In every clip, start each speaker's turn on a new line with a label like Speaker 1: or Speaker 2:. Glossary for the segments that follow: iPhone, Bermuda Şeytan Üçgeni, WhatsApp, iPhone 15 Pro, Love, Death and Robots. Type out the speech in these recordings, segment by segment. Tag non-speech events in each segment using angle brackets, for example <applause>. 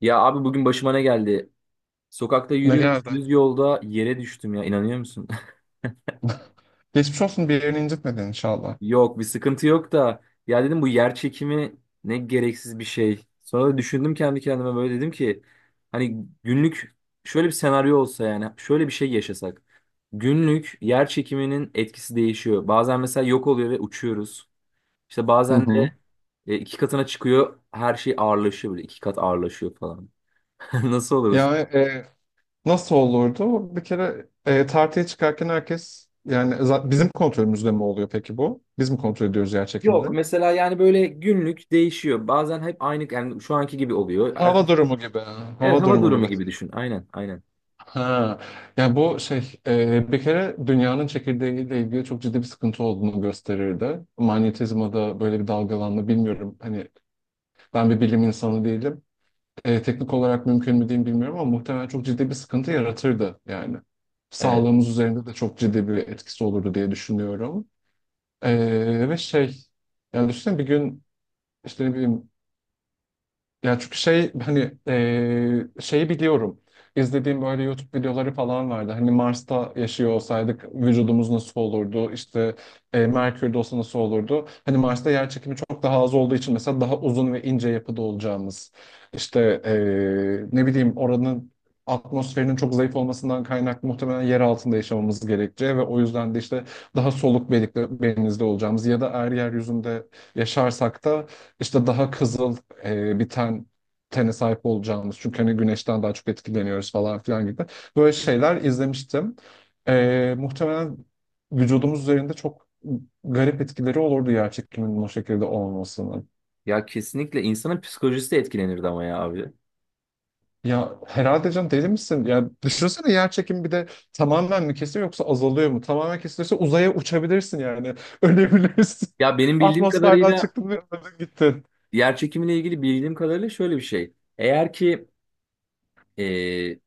Speaker 1: Ya abi bugün başıma ne geldi? Sokakta
Speaker 2: Ne
Speaker 1: yürüyorduk
Speaker 2: geldi?
Speaker 1: düz yolda yere düştüm ya inanıyor musun?
Speaker 2: <laughs> Geçmiş olsun, bir yerini incitmedin inşallah.
Speaker 1: <laughs> Yok bir sıkıntı yok da ya dedim bu yer çekimi ne gereksiz bir şey. Sonra da düşündüm kendi kendime böyle dedim ki hani günlük şöyle bir senaryo olsa yani şöyle bir şey yaşasak. Günlük yer çekiminin etkisi değişiyor. Bazen mesela yok oluyor ve uçuyoruz. İşte
Speaker 2: Hı
Speaker 1: bazen
Speaker 2: hı.
Speaker 1: de iki katına çıkıyor, her şey ağırlaşıyor, böyle iki kat ağırlaşıyor falan. <laughs> Nasıl olurdu?
Speaker 2: Yani nasıl olurdu? Bir kere tartıya çıkarken herkes yani bizim kontrolümüzde mi oluyor peki bu? Biz mi kontrol ediyoruz yer çekimini?
Speaker 1: Yok mesela yani böyle günlük değişiyor. Bazen hep aynı, yani şu anki gibi oluyor.
Speaker 2: Hava
Speaker 1: Ertesi-
Speaker 2: durumu gibi. Hava
Speaker 1: evet hava
Speaker 2: durumu
Speaker 1: durumu
Speaker 2: gibi.
Speaker 1: gibi düşün. Aynen, aynen.
Speaker 2: Ha. Yani bu şey bir kere dünyanın çekirdeğiyle ilgili çok ciddi bir sıkıntı olduğunu gösterirdi. Manyetizmada böyle bir dalgalanma, bilmiyorum. Hani ben bir bilim insanı değilim. Teknik olarak mümkün mü diyeyim bilmiyorum ama muhtemelen çok ciddi bir sıkıntı yaratırdı yani.
Speaker 1: Evet.
Speaker 2: Sağlığımız üzerinde de çok ciddi bir etkisi olurdu diye düşünüyorum. Ve şey, yani düşünsene bir gün, işte ne bileyim, ya çünkü şey, hani şeyi biliyorum. İzlediğim böyle YouTube videoları falan vardı. Hani Mars'ta yaşıyor olsaydık vücudumuz nasıl olurdu? İşte Merkür'de olsa nasıl olurdu? Hani Mars'ta yer çekimi çok daha az olduğu için mesela daha uzun ve ince yapıda olacağımız. İşte ne bileyim, oranın atmosferinin çok zayıf olmasından kaynaklı muhtemelen yer altında yaşamamız gerekeceği ve o yüzden de işte daha soluk benizli olacağımız ya da eğer yeryüzünde yaşarsak da işte daha kızıl biten tene sahip olacağımız. Çünkü hani güneşten daha çok etkileniyoruz falan filan gibi. Böyle şeyler izlemiştim. Muhtemelen vücudumuz üzerinde çok garip etkileri olurdu yer çekiminin o şekilde olmasının.
Speaker 1: Ya kesinlikle insanın psikolojisi de etkilenirdi ama ya abi.
Speaker 2: Ya herhalde, can deli misin? Ya düşünsene, yer çekimi bir de tamamen mi kesiyor yoksa azalıyor mu? Tamamen kesilirse uzaya uçabilirsin yani. <laughs> Ölebilirsin.
Speaker 1: Ya benim bildiğim
Speaker 2: Atmosferden
Speaker 1: kadarıyla,
Speaker 2: çıktın ve öldün gittin.
Speaker 1: yer çekimiyle ilgili bildiğim kadarıyla şöyle bir şey. Eğer ki e,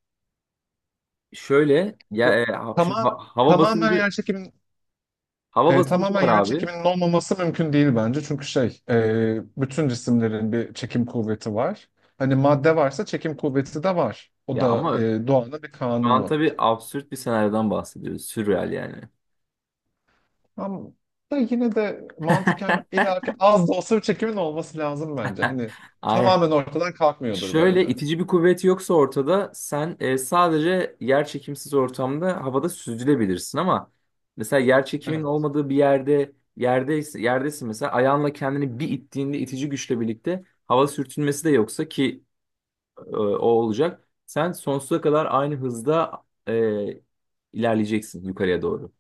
Speaker 1: şöyle ya,
Speaker 2: Ya,
Speaker 1: şimdi
Speaker 2: tamam,
Speaker 1: hava
Speaker 2: tamamen
Speaker 1: basıncı
Speaker 2: yer çekiminin...
Speaker 1: hava basıncı
Speaker 2: Tamamen
Speaker 1: var
Speaker 2: yer
Speaker 1: abi.
Speaker 2: çekiminin olmaması mümkün değil bence. Çünkü şey, bütün cisimlerin bir çekim kuvveti var. Hani madde varsa çekim kuvveti de var. O
Speaker 1: Ya
Speaker 2: da
Speaker 1: ama
Speaker 2: doğanın bir
Speaker 1: şu an
Speaker 2: kanunu.
Speaker 1: tabii absürt bir senaryodan bahsediyoruz. Sürreal yani.
Speaker 2: Ama da yine de mantıken illaki az da olsa bir çekimin olması lazım bence.
Speaker 1: <laughs>
Speaker 2: Hani
Speaker 1: aynen.
Speaker 2: tamamen ortadan kalkmıyordur
Speaker 1: Şöyle
Speaker 2: bence.
Speaker 1: itici bir kuvvet yoksa ortada, sen sadece yer çekimsiz ortamda havada süzülebilirsin, ama mesela yer çekiminin olmadığı bir yerde, yerdeyse yerdesin, mesela ayağınla kendini bir ittiğinde, itici güçle birlikte hava sürtünmesi de yoksa ki o olacak, sen sonsuza kadar aynı hızda e, ilerleyeceksin yukarıya doğru.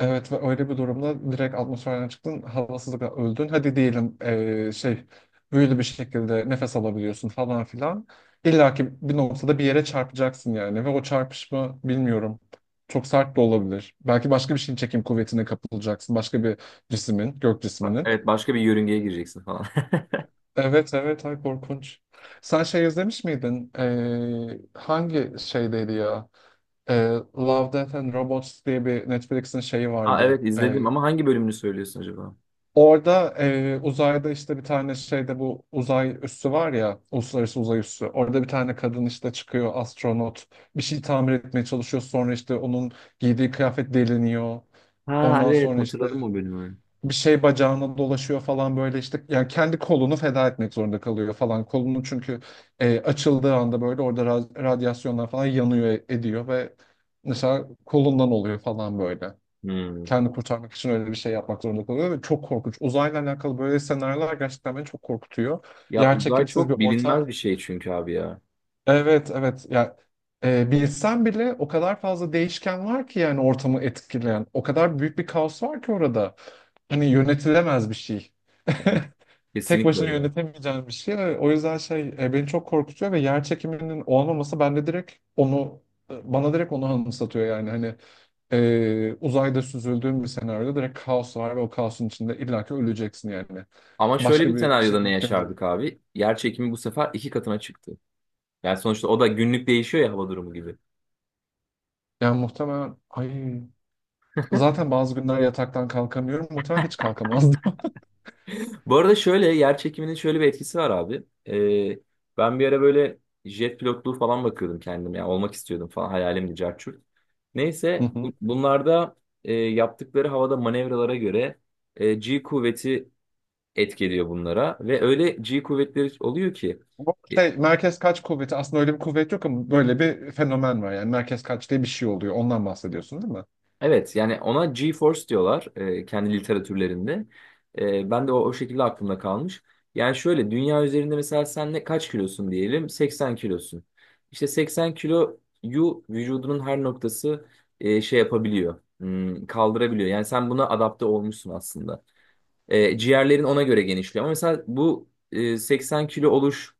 Speaker 2: Evet, ve öyle bir durumda direkt atmosferden çıktın, havasızlıkla öldün. Hadi diyelim şey, büyülü bir şekilde nefes alabiliyorsun falan filan. İlla ki bir noktada bir yere çarpacaksın yani ve o çarpışma, bilmiyorum. Çok sert de olabilir. Belki başka bir şeyin çekim kuvvetine kapılacaksın. Başka bir cismin, gök cisminin.
Speaker 1: Evet, başka bir yörüngeye gireceksin falan. <laughs>
Speaker 2: Evet, evet, ay korkunç. Sen şey izlemiş miydin? Hangi şeydeydi ya? Love, Death and Robots diye bir Netflix'in şeyi
Speaker 1: Ha
Speaker 2: vardı.
Speaker 1: evet, izledim ama hangi bölümünü söylüyorsun acaba?
Speaker 2: Orada uzayda işte bir tane şeyde, bu uzay üssü var ya, uluslararası uzay üssü. Orada bir tane kadın işte çıkıyor, astronot. Bir şey tamir etmeye çalışıyor. Sonra işte onun giydiği kıyafet deliniyor.
Speaker 1: Ha
Speaker 2: Ondan
Speaker 1: evet,
Speaker 2: sonra işte
Speaker 1: hatırladım o bölümü.
Speaker 2: bir şey bacağına dolaşıyor falan böyle, işte yani kendi kolunu feda etmek zorunda kalıyor falan. Kolunu, çünkü açıldığı anda böyle orada radyasyonlar falan yanıyor ediyor ve mesela kolundan oluyor falan böyle.
Speaker 1: Hmm.
Speaker 2: Kendi kurtarmak için öyle bir şey yapmak zorunda kalıyor ve çok korkunç. Uzayla alakalı böyle senaryolar gerçekten beni çok korkutuyor.
Speaker 1: Ya uzay
Speaker 2: Yerçekimsiz bir
Speaker 1: çok bilinmez
Speaker 2: ortam.
Speaker 1: bir şey çünkü abi ya.
Speaker 2: Evet, evet. Ya bilsen bile o kadar fazla değişken var ki yani ortamı etkileyen. O kadar büyük bir kaos var ki orada. Hani yönetilemez bir şey. <laughs>
Speaker 1: Hani
Speaker 2: Tek
Speaker 1: kesinlikle
Speaker 2: başına
Speaker 1: öyle.
Speaker 2: yönetemeyeceğin bir şey. O yüzden şey, beni çok korkutuyor ve yer çekiminin olmaması bende direkt onu, bana direkt onu anımsatıyor yani, hani uzayda süzüldüğün bir senaryoda direkt kaos var ve o kaosun içinde illaki öleceksin yani.
Speaker 1: Ama şöyle
Speaker 2: Başka
Speaker 1: bir
Speaker 2: bir şey
Speaker 1: senaryoda ne
Speaker 2: mümkün değil.
Speaker 1: yaşardık abi? Yer çekimi bu sefer iki katına çıktı. Yani sonuçta o da günlük değişiyor ya, hava durumu gibi.
Speaker 2: Yani muhtemelen ay, zaten bazı günler yataktan kalkamıyorum. Muhtemelen hiç kalkamazdım.
Speaker 1: Bu arada şöyle yer çekiminin şöyle bir etkisi var abi. Ben bir ara böyle jet pilotluğu falan bakıyordum kendim. Yani olmak istiyordum falan, hayalimdi, carçurt.
Speaker 2: <laughs> Hı
Speaker 1: Neyse
Speaker 2: hı.
Speaker 1: bunlarda yaptıkları havada manevralara göre G kuvveti etki ediyor bunlara. Ve öyle G kuvvetleri oluyor ki.
Speaker 2: Bu
Speaker 1: e,
Speaker 2: şey merkez kaç kuvveti, aslında öyle bir kuvvet yok ama böyle bir fenomen var. Yani merkez kaç diye bir şey oluyor. Ondan bahsediyorsun değil mi?
Speaker 1: Evet, yani ona GeForce diyorlar kendi literatürlerinde. E, ben de o şekilde aklımda kalmış. Yani şöyle, dünya üzerinde mesela sen ne kaç kilosun diyelim? 80 kilosun. İşte 80 kiloyu vücudunun her noktası şey yapabiliyor. Hmm, kaldırabiliyor. Yani sen buna adapte olmuşsun aslında. E, ciğerlerin ona göre genişliyor. Ama mesela bu 80 kilo oluş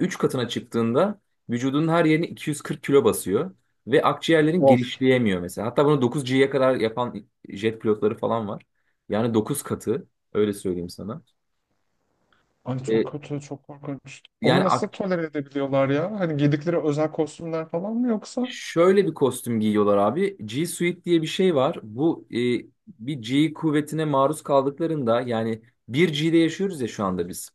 Speaker 1: 3 katına çıktığında, vücudunun her yerini 240 kilo basıyor. Ve akciğerlerin
Speaker 2: Of.
Speaker 1: genişleyemiyor mesela. Hatta bunu 9G'ye kadar yapan jet pilotları falan var. Yani 9 katı, öyle söyleyeyim sana.
Speaker 2: Ay
Speaker 1: E,
Speaker 2: çok kötü, çok korkunç. Onu
Speaker 1: yani
Speaker 2: nasıl tolere edebiliyorlar ya? Hani giydikleri özel kostümler falan mı yoksa?
Speaker 1: şöyle bir kostüm giyiyorlar abi. G Suite diye bir şey var. Bu bir G kuvvetine maruz kaldıklarında, yani bir gde yaşıyoruz ya şu anda biz.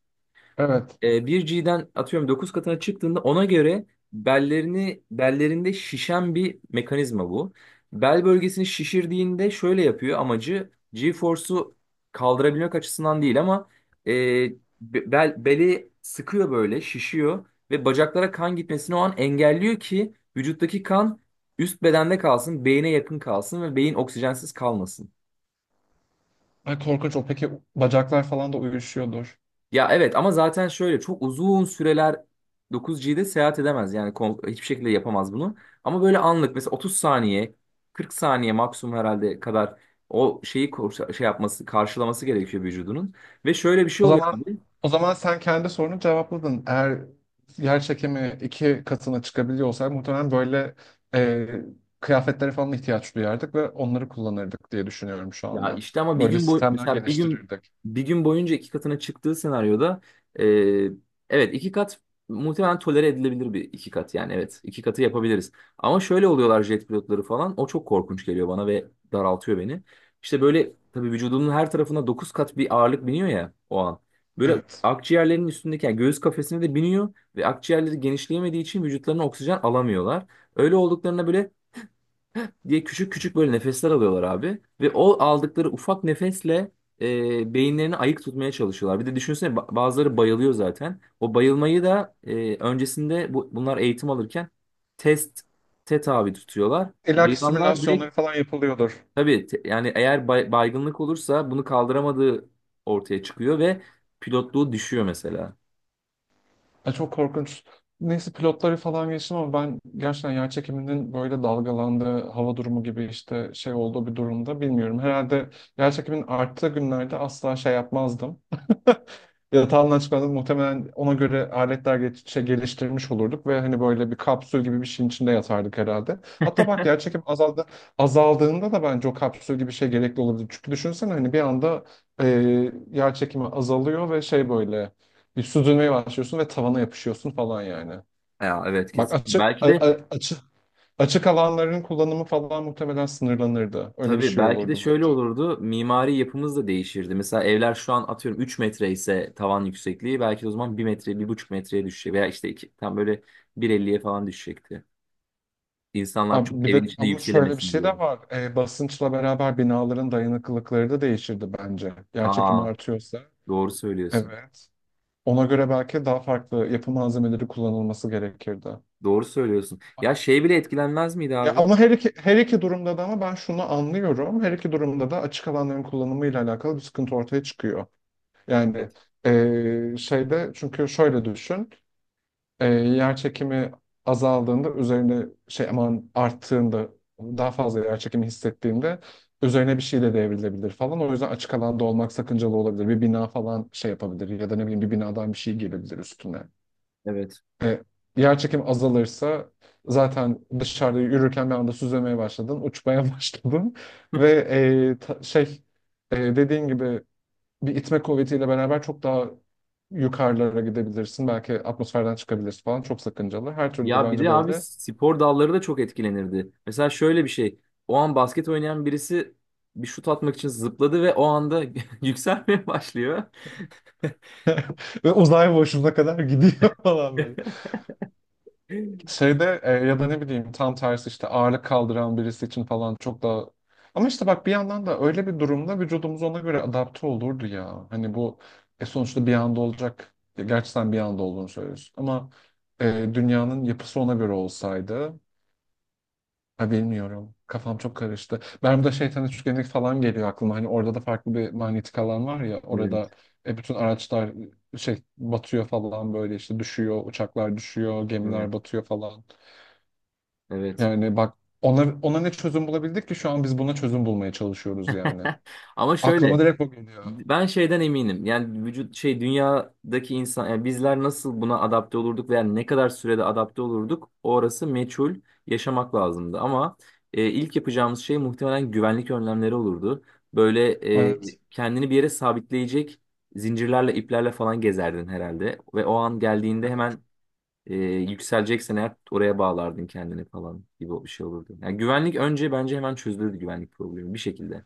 Speaker 2: Evet.
Speaker 1: 1G'den atıyorum 9 katına çıktığında, ona göre bellerini, bellerinde şişen bir mekanizma bu. Bel bölgesini şişirdiğinde şöyle yapıyor, amacı G-force'u kaldırabilmek açısından değil ama e, bel, beli sıkıyor, böyle şişiyor ve bacaklara kan gitmesini o an engelliyor ki vücuttaki kan üst bedende kalsın, beyine yakın kalsın ve beyin oksijensiz kalmasın.
Speaker 2: Ay korkunç o. Peki bacaklar falan da uyuşuyordur.
Speaker 1: Ya evet, ama zaten şöyle çok uzun süreler 9G'de seyahat edemez. Yani hiçbir şekilde yapamaz bunu. Ama böyle anlık, mesela 30 saniye, 40 saniye maksimum herhalde kadar o şeyi şey yapması, karşılaması gerekiyor vücudunun. Ve şöyle bir şey
Speaker 2: O
Speaker 1: oluyor
Speaker 2: zaman,
Speaker 1: abi.
Speaker 2: o zaman sen kendi sorunu cevapladın. Eğer yer çekimi iki katına çıkabiliyor olsaydı muhtemelen böyle e, kıyafetlere falan ihtiyaç duyardık ve onları kullanırdık diye düşünüyorum şu
Speaker 1: Ya
Speaker 2: anda.
Speaker 1: işte, ama bir
Speaker 2: Böyle
Speaker 1: gün boy,
Speaker 2: sistemler
Speaker 1: mesela
Speaker 2: geliştirirdik.
Speaker 1: bir gün boyunca iki katına çıktığı senaryoda eee, evet, iki kat muhtemelen tolere edilebilir, bir iki kat yani, evet, iki katı yapabiliriz. Ama şöyle oluyorlar jet pilotları falan, o çok korkunç geliyor bana ve daraltıyor beni. İşte böyle tabii vücudunun her tarafına dokuz kat bir ağırlık biniyor ya o an. Böyle
Speaker 2: Evet.
Speaker 1: akciğerlerinin üstündeki, yani göğüs kafesine de biniyor ve akciğerleri genişleyemediği için vücutlarına oksijen alamıyorlar. Öyle olduklarına böyle diye küçük küçük böyle nefesler alıyorlar abi. Ve o aldıkları ufak nefesle beyinlerini ayık tutmaya çalışıyorlar. Bir de düşünsene, bazıları bayılıyor zaten. O bayılmayı da öncesinde bunlar eğitim alırken test tabi tutuyorlar.
Speaker 2: İlla ki
Speaker 1: Bayılanlar direkt,
Speaker 2: simülasyonları falan yapılıyordur.
Speaker 1: tabii yani eğer baygınlık olursa bunu kaldıramadığı ortaya çıkıyor ve pilotluğu düşüyor mesela.
Speaker 2: Ya çok korkunç. Neyse pilotları falan geçtim ama ben gerçekten yer çekiminin böyle dalgalandığı, hava durumu gibi işte şey olduğu bir durumda, bilmiyorum. Herhalde yer çekiminin arttığı günlerde asla şey yapmazdım. <laughs> Yatağımdan çıkmadan, muhtemelen ona göre aletler şey geliştirmiş olurduk ve hani böyle bir kapsül gibi bir şeyin içinde yatardık herhalde. Hatta bak, yer çekim azaldı, azaldığında da bence o kapsül gibi bir şey gerekli olabilir. Çünkü düşünsene, hani bir anda e, yer çekimi azalıyor ve şey böyle bir süzülmeye başlıyorsun ve tavana yapışıyorsun falan yani.
Speaker 1: Ya evet,
Speaker 2: Bak,
Speaker 1: kesin. Belki de
Speaker 2: açık açık alanların kullanımı falan muhtemelen sınırlanırdı. Öyle bir
Speaker 1: Tabii,
Speaker 2: şey
Speaker 1: belki de
Speaker 2: olurdu
Speaker 1: şöyle
Speaker 2: bence.
Speaker 1: olurdu. Mimari yapımız da değişirdi. Mesela evler şu an atıyorum 3 metre ise tavan yüksekliği, belki de o zaman 1 metre, 1,5 metreye düşecek veya işte iki, tam böyle bir elliye falan düşecekti. İnsanlar
Speaker 2: Abi
Speaker 1: çok
Speaker 2: bir
Speaker 1: evin
Speaker 2: de
Speaker 1: içinde
Speaker 2: ama şöyle bir
Speaker 1: yükselemesin
Speaker 2: şey de
Speaker 1: diye.
Speaker 2: var. Basınçla beraber binaların dayanıklılıkları da değişirdi bence. Yer çekimi
Speaker 1: Aa,
Speaker 2: artıyorsa.
Speaker 1: doğru söylüyorsun.
Speaker 2: Evet. Ona göre belki daha farklı yapı malzemeleri kullanılması gerekirdi.
Speaker 1: Doğru söylüyorsun. Ya
Speaker 2: Aynen.
Speaker 1: şey bile etkilenmez miydi
Speaker 2: Ya
Speaker 1: abi?
Speaker 2: ama her iki durumda da, ama ben şunu anlıyorum. Her iki durumda da açık alanların kullanımıyla alakalı bir sıkıntı ortaya çıkıyor. Yani
Speaker 1: Evet.
Speaker 2: şeyde, çünkü şöyle düşün. Yer çekimi azaldığında üzerine şey, aman, arttığında daha fazla yer çekimi hissettiğinde üzerine bir şey de devrilebilir falan. O yüzden açık alanda olmak sakıncalı olabilir. Bir bina falan şey yapabilir ya da ne bileyim, bir binadan bir şey gelebilir üstüne.
Speaker 1: Evet.
Speaker 2: E, Yer çekimi azalırsa zaten dışarıda yürürken bir anda süzülmeye başladın, uçmaya <laughs> başladın ve şey, dediğin gibi bir itme kuvvetiyle beraber çok daha yukarılara gidebilirsin. Belki atmosferden çıkabilirsin falan. Çok sakıncalı. Her türlü
Speaker 1: Ya bir
Speaker 2: bence
Speaker 1: de abi,
Speaker 2: böyle.
Speaker 1: spor dalları da çok etkilenirdi. Mesela şöyle bir şey. O an basket oynayan birisi bir şut atmak için zıpladı ve o anda <laughs> yükselmeye başlıyor.
Speaker 2: <laughs> Ve uzay boşluğuna kadar gidiyor <laughs> falan böyle.
Speaker 1: <laughs> Evet,
Speaker 2: Şeyde ya da ne bileyim, tam tersi, işte ağırlık kaldıran birisi için falan çok daha... Ama işte bak, bir yandan da öyle bir durumda vücudumuz ona göre adapte olurdu ya. Hani bu sonuçta bir anda olacak. Gerçi sen bir anda olduğunu söylüyorsun. Ama e, dünyanın yapısı ona göre olsaydı... Ha, bilmiyorum. Kafam çok karıştı. Bermuda Şeytan Üçgeni falan geliyor aklıma. Hani orada da farklı bir manyetik alan var ya. Orada bütün araçlar şey batıyor falan böyle, işte düşüyor. Uçaklar düşüyor. Gemiler
Speaker 1: evet,
Speaker 2: batıyor falan.
Speaker 1: evet.
Speaker 2: Yani bak, ona ne çözüm bulabildik ki şu an biz buna çözüm bulmaya çalışıyoruz yani.
Speaker 1: <laughs> Ama
Speaker 2: Aklıma
Speaker 1: şöyle,
Speaker 2: direkt o geliyor.
Speaker 1: ben şeyden eminim. Yani vücut, şey, dünyadaki insan, yani bizler nasıl buna adapte olurduk veya ne kadar sürede adapte olurduk, orası meçhul, yaşamak lazımdı. Ama ilk yapacağımız şey muhtemelen güvenlik önlemleri olurdu. Böyle
Speaker 2: Evet.
Speaker 1: kendini bir yere sabitleyecek zincirlerle, iplerle falan gezerdin herhalde. Ve o an geldiğinde hemen yükseleceksen eğer oraya bağlardın kendini falan gibi bir şey olurdu. Yani güvenlik önce, bence hemen çözülürdü güvenlik problemi bir şekilde.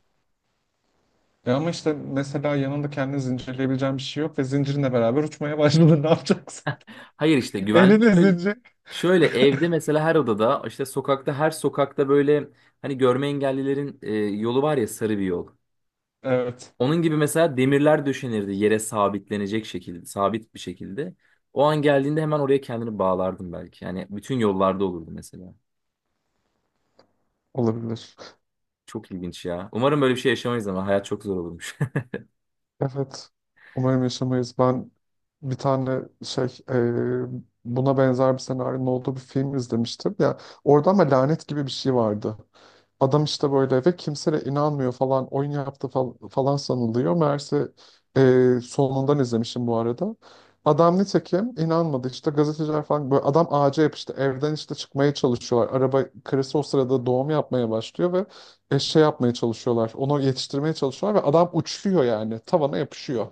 Speaker 2: Ya ama işte mesela yanında kendini zincirleyebileceğin bir şey yok ve zincirinle beraber uçmaya başladın. <laughs> Ne yapacaksın?
Speaker 1: Hayır, işte güvenlik
Speaker 2: Elinde zincir.
Speaker 1: şöyle, evde
Speaker 2: <laughs>
Speaker 1: mesela her odada, işte sokakta her sokakta böyle hani görme engellilerin yolu var ya, sarı bir yol.
Speaker 2: Evet.
Speaker 1: Onun gibi mesela demirler döşenirdi yere sabitlenecek şekilde, sabit bir şekilde. O an geldiğinde hemen oraya kendini bağlardın belki. Yani bütün yollarda olurdu mesela.
Speaker 2: Olabilir.
Speaker 1: Çok ilginç ya. Umarım böyle bir şey yaşamayız ama hayat çok zor olurmuş. <laughs>
Speaker 2: Evet. Umarım yaşamayız. Ben bir tane şey, buna benzer bir senaryonun olduğu bir film izlemiştim. Ya orada ama lanet gibi bir şey vardı. Adam işte böyle ve kimse de inanmıyor falan, oyun yaptı falan sanılıyor. Meğerse sonundan izlemişim bu arada. Adam nitekim inanmadı, işte gazeteciler falan böyle, adam ağaca yapıştı, evden işte çıkmaya çalışıyorlar. Araba, karısı o sırada doğum yapmaya başlıyor ve şey yapmaya çalışıyorlar. Onu yetiştirmeye çalışıyorlar ve adam uçuyor yani. Tavana yapışıyor.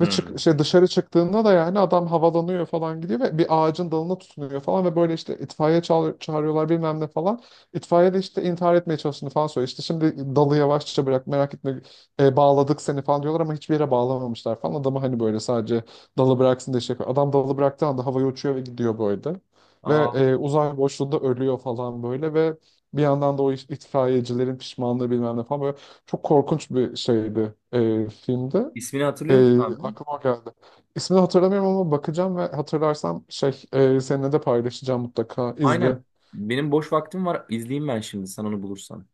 Speaker 2: Ve çık, şey, dışarı çıktığında da yani adam havalanıyor falan, gidiyor ve bir ağacın dalına tutunuyor falan ve böyle işte itfaiye çağırıyorlar, bilmem ne falan. İtfaiye de işte intihar etmeye çalıştığını falan söylüyor. İşte şimdi dalı yavaşça bırak, merak etme, bağladık seni falan diyorlar ama hiçbir yere bağlamamışlar falan. Adamı hani böyle sadece dalı bıraksın diye şey yapıyor. Adam dalı bıraktığı anda havaya uçuyor ve gidiyor böyle. Ve
Speaker 1: Aa,
Speaker 2: uzay boşluğunda ölüyor falan böyle ve bir yandan da o itfaiyecilerin pişmanlığı, bilmem ne falan, böyle çok korkunç bir şeydi filmde.
Speaker 1: İsmini hatırlıyor musun abi?
Speaker 2: Aklıma o geldi. İsmini hatırlamıyorum ama bakacağım ve hatırlarsam şey, seninle de paylaşacağım mutlaka. İzle.
Speaker 1: Aynen. Benim boş vaktim var. İzleyeyim ben şimdi sen onu bulursan.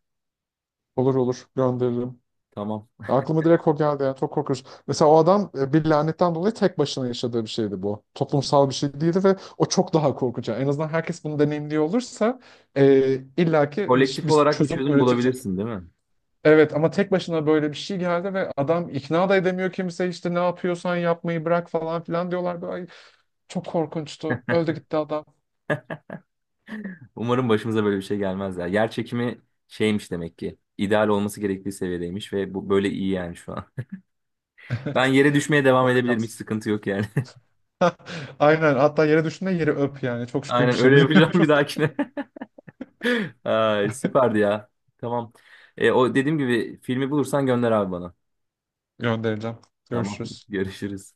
Speaker 2: Olur olur, gönderirim.
Speaker 1: Tamam.
Speaker 2: Aklıma direkt o geldi yani, çok korkunç. Mesela o adam bir lanetten dolayı tek başına yaşadığı bir şeydi bu. Toplumsal bir şey değildi ve o çok daha korkunç. Yani en azından herkes bunu deneyimliyor olursa illaki
Speaker 1: Kolektif
Speaker 2: bir
Speaker 1: olarak bir
Speaker 2: çözüm
Speaker 1: çözüm
Speaker 2: üretilecek.
Speaker 1: bulabilirsin değil mi?
Speaker 2: Evet ama tek başına böyle bir şey geldi ve adam ikna da edemiyor, kimse işte "ne yapıyorsan yapmayı bırak" falan filan diyorlar. Böyle, "Ay, çok korkunçtu." Öldü gitti adam.
Speaker 1: Umarım başımıza böyle bir şey gelmez ya. Yer çekimi şeymiş demek ki. İdeal olması gerektiği seviyedeymiş ve bu böyle iyi yani şu an. <laughs>
Speaker 2: <laughs>
Speaker 1: Ben
Speaker 2: Evet.
Speaker 1: yere düşmeye devam
Speaker 2: Böyle
Speaker 1: edebilirim. Hiç
Speaker 2: kalsın.
Speaker 1: sıkıntı yok yani.
Speaker 2: <laughs> Aynen. Hatta yere düşünde yeri öp yani.
Speaker 1: <laughs>
Speaker 2: Çok şükür
Speaker 1: Aynen, öyle yapacağım bir
Speaker 2: düşebiliyoruz.
Speaker 1: dahakine. <laughs> Ay, süperdi ya. Tamam. O dediğim gibi, filmi bulursan gönder abi bana.
Speaker 2: <laughs> Göndereceğim.
Speaker 1: Tamam. <laughs>
Speaker 2: Görüşürüz.
Speaker 1: Görüşürüz.